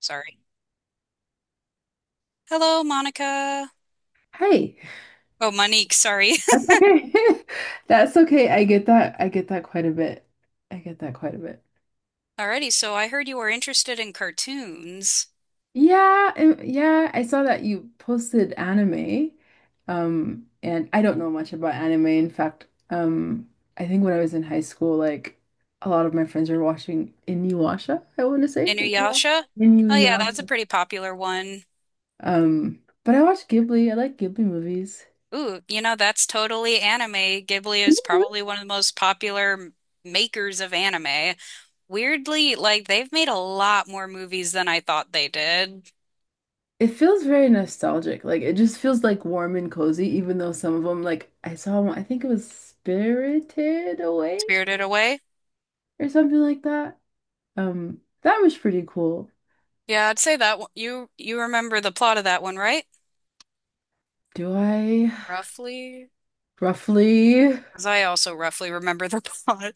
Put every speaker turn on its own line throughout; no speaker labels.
Sorry. Hello, Monica.
Hey,
Oh, Monique, sorry.
that's okay. That's okay. I get that. I get that quite a bit. I get that quite a bit.
Alrighty, so I heard you were interested in cartoons.
Yeah, yeah, I saw that you posted anime. And I don't know much about anime. In fact, I think when I was in high school, like a lot of my friends were watching Inuyasha, I want to say. Inuyasha.
Inuyasha? Oh yeah, that's a
Inuyasha.
pretty popular one.
But I watched Ghibli. I like Ghibli movies.
Ooh, you know, that's totally anime. Ghibli is probably one of the most popular makers of anime. Weirdly, like they've made a lot more movies than I thought they did.
It feels very nostalgic. Like it just feels like warm and cozy, even though some of them, like I saw one, I think it was Spirited Away
Spirited Away?
or something like that. That was pretty cool.
Yeah, I'd say that one. You remember the plot of that one, right?
Do I
Roughly,
roughly?
because I also roughly remember the plot.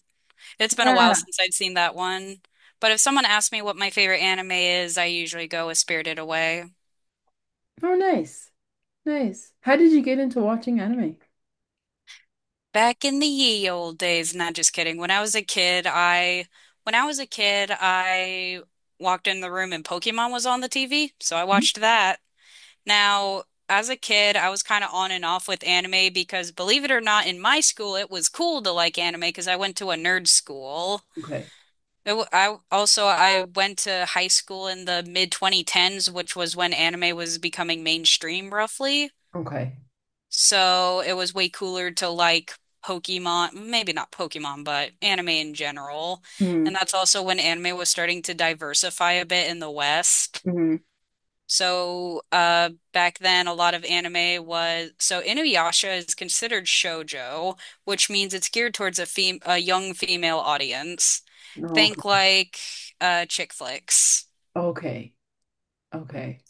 It's been a while
Yeah.
since I'd seen that one. But if someone asks me what my favorite anime is, I usually go with Spirited Away.
Oh, nice. Nice. How did you get into watching anime?
Back in the ye old days, not just kidding. When I was a kid, I walked in the room and Pokemon was on the TV, so I
Hmm?
watched that. Now, as a kid, I was kind of on and off with anime because believe it or not, in my school it was cool to like anime because I went to a nerd school.
Okay.
I went to high school in the mid 2010s, which was when anime was becoming mainstream roughly.
Okay.
So it was way cooler to like Pokemon, maybe not Pokemon, but anime in general.
Mm,
And that's also when anime was starting to diversify a bit in the West.
mm,
So back then a lot of anime was so Inuyasha is considered shoujo, which means it's geared towards a fem a young female audience. Think
okay.
like chick flicks.
Okay. Okay.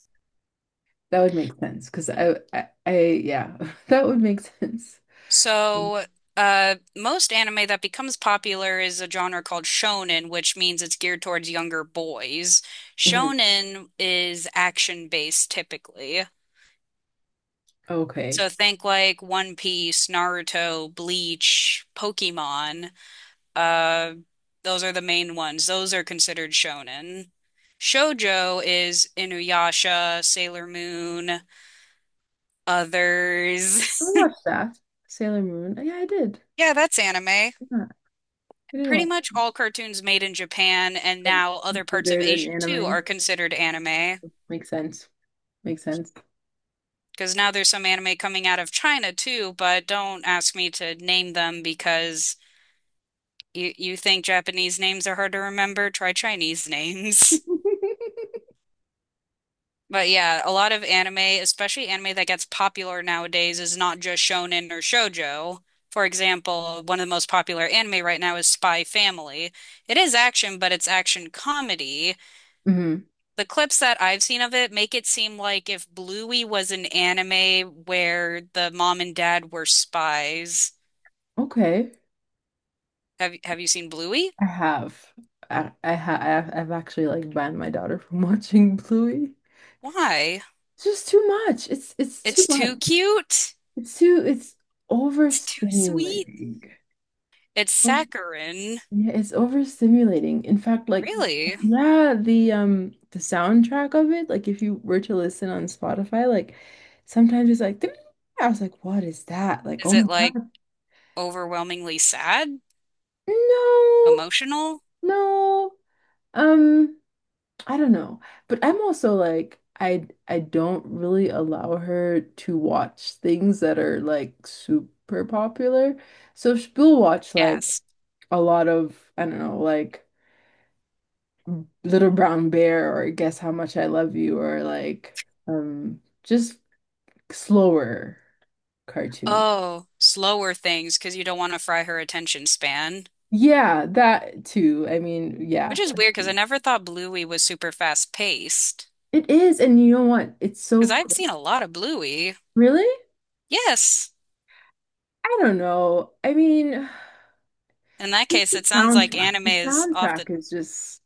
That would make sense because yeah, that would make sense. Mm.
So, most anime that becomes popular is a genre called shonen, which means it's geared towards younger boys.
Mhm.
Shonen is action based typically.
Okay.
So, think like One Piece, Naruto, Bleach, Pokemon. Uh, those are the main ones. Those are considered shonen. Shoujo is Inuyasha, Sailor Moon,
I
others.
watched that. Sailor Moon. Yeah, I did.
Yeah, that's anime.
Yeah, I did
Pretty
watch
much all cartoons made in Japan and
it.
now other parts of
Considered an
Asia too
anime.
are considered anime.
Makes sense. Makes sense.
Because now there's some anime coming out of China too, but don't ask me to name them because you think Japanese names are hard to remember? Try Chinese names. But yeah, a lot of anime, especially anime that gets popular nowadays, is not just shonen or shoujo. For example, one of the most popular anime right now is Spy Family. It is action, but it's action comedy.
Hmm.
The clips that I've seen of it make it seem like if Bluey was an anime where the mom and dad were spies.
Okay.
Have you seen Bluey?
I have. I've actually like banned my daughter from watching Bluey.
Why?
It's just too much. It's too
It's
much.
too cute.
It's
It's too sweet.
overstimulating.
It's saccharine.
Yeah, it's overstimulating. In fact, like
Really?
yeah, the soundtrack of it, like if you were to listen on Spotify, like sometimes it's like I was like, what is that? Like, oh
Is it
my
like
God.
overwhelmingly sad?
No,
Emotional?
no. Um, I don't know. But I'm also like I don't really allow her to watch things that are like super popular. So she'll watch like
Yes.
a lot of, I don't know, like Little Brown Bear or Guess How Much I Love You or like just slower cartoon.
Oh, slower things because you don't want to fry her attention span.
Yeah, that too. I mean, yeah.
Which is weird because I never thought Bluey was super fast paced.
It is, and you know what? It's so
Because I've
quick.
seen a lot of Bluey.
Really?
Yes.
I don't know. I mean,
In that case,
the
it sounds like
soundtrack.
anime
The
is off the
soundtrack is just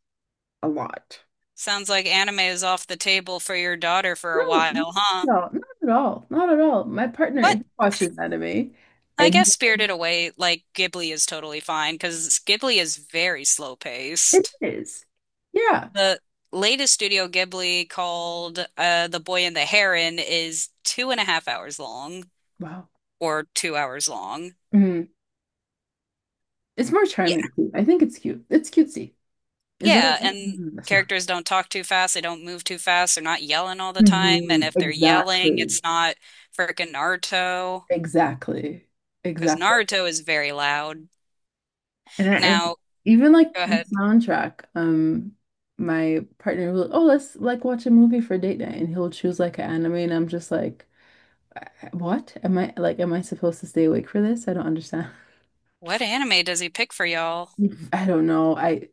a lot.
sounds like anime is off the table for your daughter for a
No,
while, huh?
no, not at all. Not at all. My partner,
What?
he watches anime
I
and
guess Spirited Away, like Ghibli, is totally fine because Ghibli is very slow
it
paced.
is. Yeah.
The latest Studio Ghibli called The Boy and the Heron is two and a half hours long
Wow.
or 2 hours long.
Mm-hmm. It's more
Yeah.
charming too. I think it's cute. It's cutesy. Is that a—
Yeah, and
Mhm, that's right.
characters don't talk too fast, they don't move too fast, they're not yelling all the time, and
Mhm,
if they're yelling,
exactly.
it's not freaking Naruto.
Exactly.
Because
Exactly.
Naruto is very loud.
And
Now,
even like
go
the
ahead.
soundtrack, my partner will, oh, let's like watch a movie for date night, and he'll choose like an anime, and I'm just like, "Uh, what? Am I supposed to stay awake for this? I don't understand."
What anime does he pick for y'all?
I don't know. I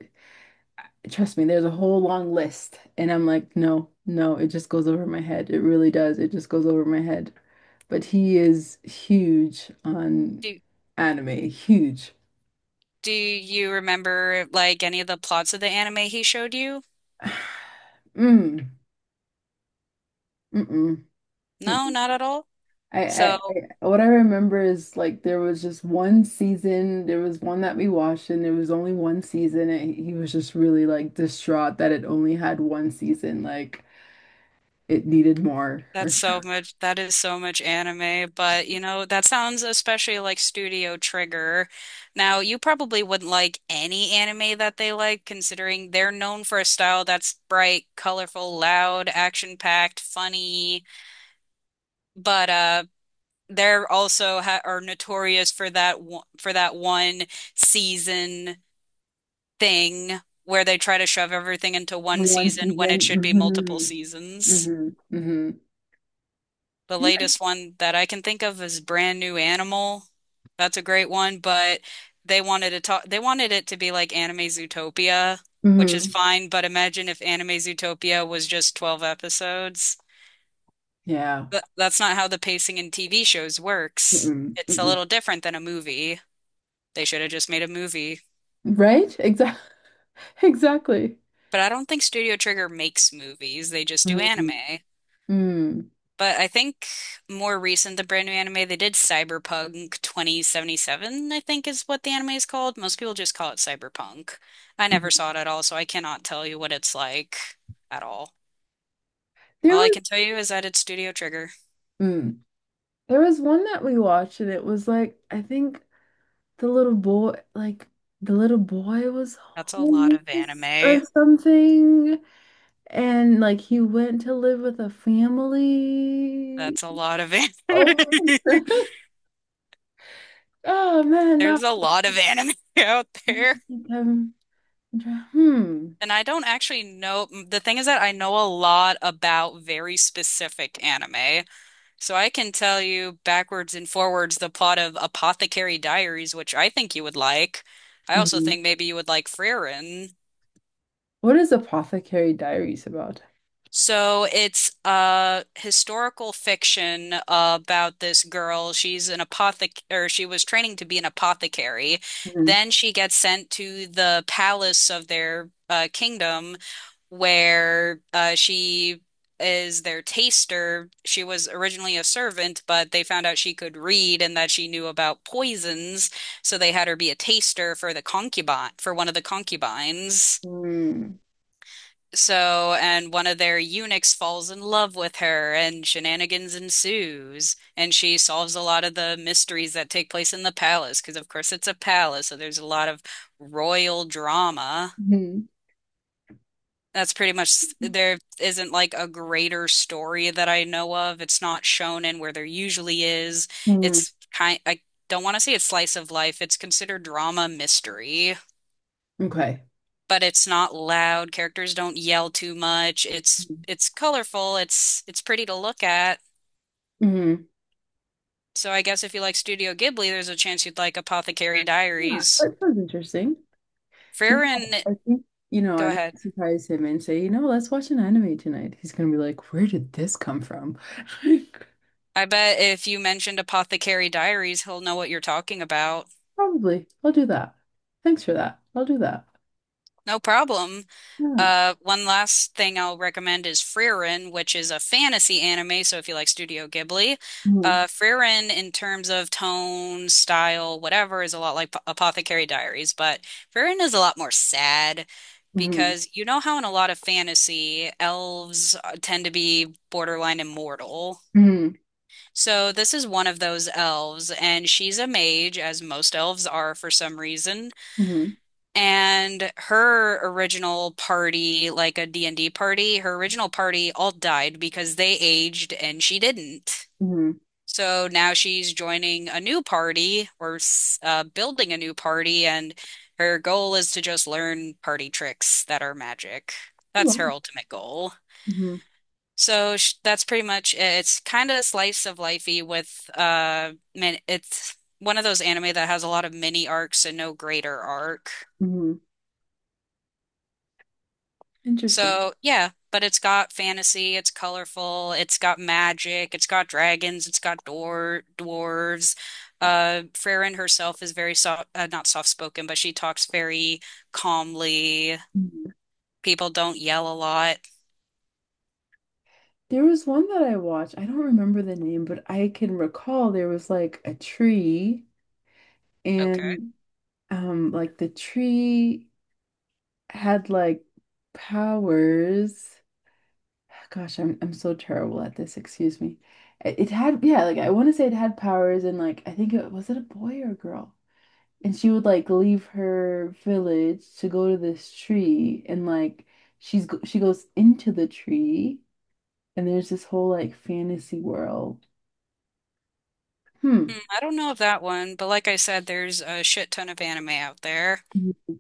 Trust me, there's a whole long list. And I'm like, no, no, it just goes over my head. It really does. It just goes over my head. But he is huge on
Do
anime, huge.
do you remember like any of the plots of the anime he showed you?
Mm, mm-mm,
No,
mm-mm.
not at all. So
What I remember is like there was just one season. There was one that we watched, and it was only one season. And he was just really like distraught that it only had one season. Like it needed more.
that's so much that is so much anime, but you know, that sounds especially like Studio Trigger. Now, you probably wouldn't like any anime that they like, considering they're known for a style that's bright, colorful, loud, action-packed, funny. But they're also ha are notorious for that one, season thing where they try to shove everything into one
One
season when it should be multiple
season. Hmm,
seasons.
hmm, hmm.
The latest one that I can think of is Brand New Animal. That's a great one, but they wanted it to be like Anime Zootopia, which is
Mhm.
fine, but imagine if Anime Zootopia was just 12 episodes.
Yeah.
But that's not how the pacing in TV shows works.
Mm-mm.
It's a
Mm-mm.
little different than a movie. They should have just made a movie.
Right? Exactly. Exactly.
But I don't think Studio Trigger makes movies, they just do anime.
Mm. Mm.
But I think more recent than brand new anime, they did Cyberpunk 2077, I think is what the anime is called. Most people just call it Cyberpunk. I never
Mm.
saw it at all, so I cannot tell you what it's like at all.
There
All I
was
can tell you is that it's Studio Trigger.
mm. There was one that we watched and it was like I think the little boy like the little boy was
That's a lot of
homeless
anime.
or something and like he went to live with a family.
That's a lot of anime.
Oh, oh man, no.
There's a lot of anime out
I don't
there.
think I'm— Hmm.
And I don't actually know. The thing is that I know a lot about very specific anime. So I can tell you backwards and forwards the plot of Apothecary Diaries, which I think you would like. I also
Mhm.
think maybe you would like Frieren.
What is Apothecary Diaries about?
So it's a historical fiction about this girl. She's an apothec or she was training to be an apothecary.
Mhm.
Then she gets sent to the palace of their kingdom where she is their taster. She was originally a servant, but they found out she could read and that she knew about poisons, so they had her be a taster for the concubine, for one of the concubines.
Hmm.
So, and one of their eunuchs falls in love with her, and shenanigans ensues. And she solves a lot of the mysteries that take place in the palace, because of course it's a palace, so there's a lot of royal drama.
Mhm.
That's pretty much there isn't like a greater story that I know of. It's not shown in where there usually is.
Mm.
It's kind I don't want to say it's slice of life. It's considered drama mystery,
Okay.
but it's not loud. Characters don't yell too much. It's
Mm.
it's colorful. It's pretty to look at.
Mhm.
So I guess if you like Studio Ghibli, there's a chance you'd like Apothecary
Yeah,
Diaries.
that sounds interesting. Do you know
Farron,
what? I think,
go
I might
ahead.
surprise him and say, let's watch an anime tonight. He's gonna be like, where did this come from? Like,
I bet if you mentioned Apothecary Diaries, he'll know what you're talking about.
probably. I'll do that. Thanks for that. I'll do that.
No problem.
Yeah.
One last thing I'll recommend is Frieren, which is a fantasy anime. So if you like Studio Ghibli,
Hmm,
Frieren in terms of tone, style, whatever, is a lot like Apothecary Diaries, but Frieren is a lot more sad
hmm,
because you know how in a lot of fantasy, elves tend to be borderline immortal.
hmm,
So this is one of those elves, and she's a mage, as most elves are for some reason,
hmm,
and her original party, like a D and d party, her original party all died because they aged and she didn't.
hmm.
So now she's joining a new party or building a new party, and her goal is to just learn party tricks that are magic. That's her
Wow.
ultimate goal.
Hmm,
So sh that's pretty much it. It's kind of slice of lifey with man, it's one of those anime that has a lot of mini arcs and no greater arc.
hmm. Interesting.
So, yeah, but it's got fantasy, it's colorful, it's got magic, it's got dragons, it's got dwarves. Farron herself is very soft, not soft-spoken, but she talks very calmly.
Mhm.
People don't yell a lot.
There was one that I watched. I don't remember the name, but I can recall there was like a tree.
Okay.
And like the tree had like powers. Gosh, I'm so terrible at this, excuse me. It had yeah, like I want to say it had powers and like I think it was it a boy or a girl? And she would like leave her village to go to this tree and like she goes into the tree and there's this whole like fantasy world. Hmm.
Hmm, I don't know of that one, but like I said, there's a shit ton of anime out there.
Mhm.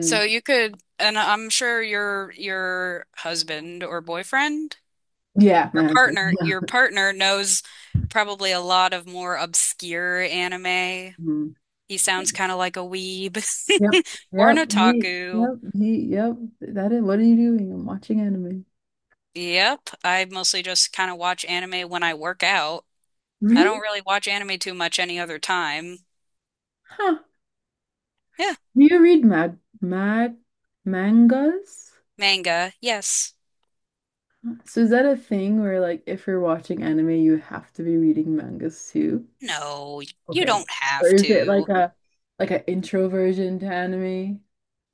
So you could, and I'm sure your husband or boyfriend.
Yeah, my husband. Yeah.
Your partner knows probably a lot of more obscure anime.
Mhm.
He sounds kind of like a weeb
Yep.
or an
Yep. He, yep.
otaku.
He, yep. That is, what are you doing? I'm watching anime.
Yep, I mostly just kind of watch anime when I work out. I
Really?
don't really watch anime too much any other time.
Huh.
Yeah,
Do you read mangas?
manga, yes.
So is that a thing where like if you're watching anime, you have to be reading mangas too?
No, you
Okay.
don't
Or
have
is it
to.
like an intro version to anime?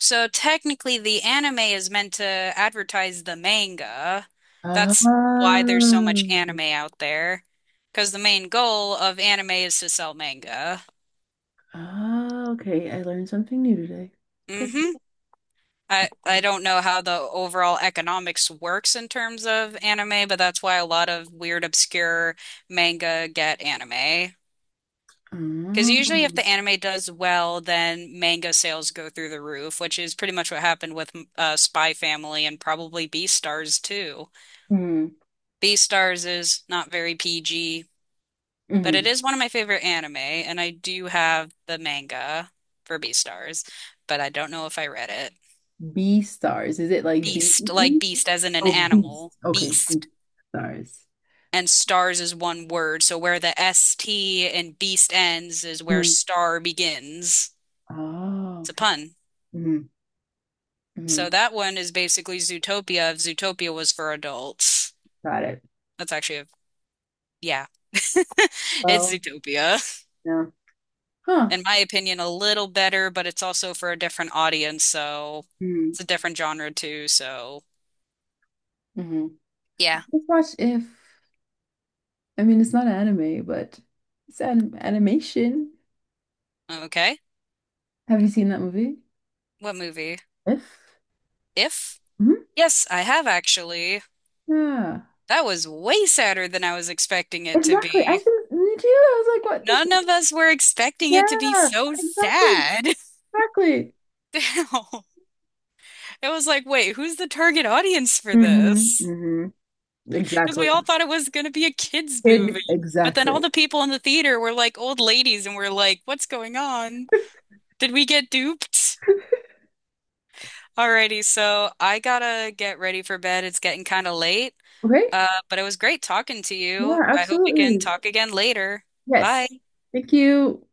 So technically, the anime is meant to advertise the manga. That's why there's so much
Oh.
anime out there, because the main goal of anime is to sell manga.
Oh, okay. I learned something new today. Thank
Hmm.
you.
I
Okay.
don't know how the overall economics works in terms of anime, but that's why a lot of weird, obscure manga get anime. Because usually,
Oh.
if the anime does well, then manga sales go through the roof, which is pretty much what happened with Spy Family and probably Beastars too.
Hmm.
Beastars is not very PG, but
Mm-hmm.
it is one of my favorite anime, and I do have the manga for Beastars, but I don't know if I read it.
B stars. Is it like B? E
Beast, like
E?
beast as in an
Oh,
animal,
beast. Okay, beast
beast.
stars.
And stars is one word, so where the s t and beast ends is where
Hmm.
star begins.
Oh,
It's a
okay.
pun.
Hmm,
So
hmm.
that one is basically Zootopia if Zootopia was for adults.
Got it.
That's actually a, yeah, it's
Well,
Zootopia.
yeah. Huh.
In my opinion, a little better, but it's also for a different audience, so
Hmm.
it's a different genre too, so
Hmm.
yeah.
Let's watch If. I mean, it's not anime, but it's an animation.
Okay.
Have you seen that movie?
What movie?
If?
If?
Hmm.
Yes, I have actually.
Yeah.
That was way sadder than I was expecting it to
Exactly. I
be.
think me too. I was like, what this?
None of us were expecting it to be
Yeah,
so
exactly.
sad.
Exactly.
It was like, wait, who's the target audience for
Hmm,
this?
hmm.
Because
Exactly.
we all thought it was going to be a kids'
Kid,
movie. But then all
exactly.
the people in the theater were like old ladies, and we're like, what's going on? Did we get duped? Alrighty, so I gotta get ready for bed. It's getting kind of late.
Okay.
But it was great talking to you.
Yeah,
I hope we can
absolutely.
talk again later.
Yes.
Bye.
Thank you.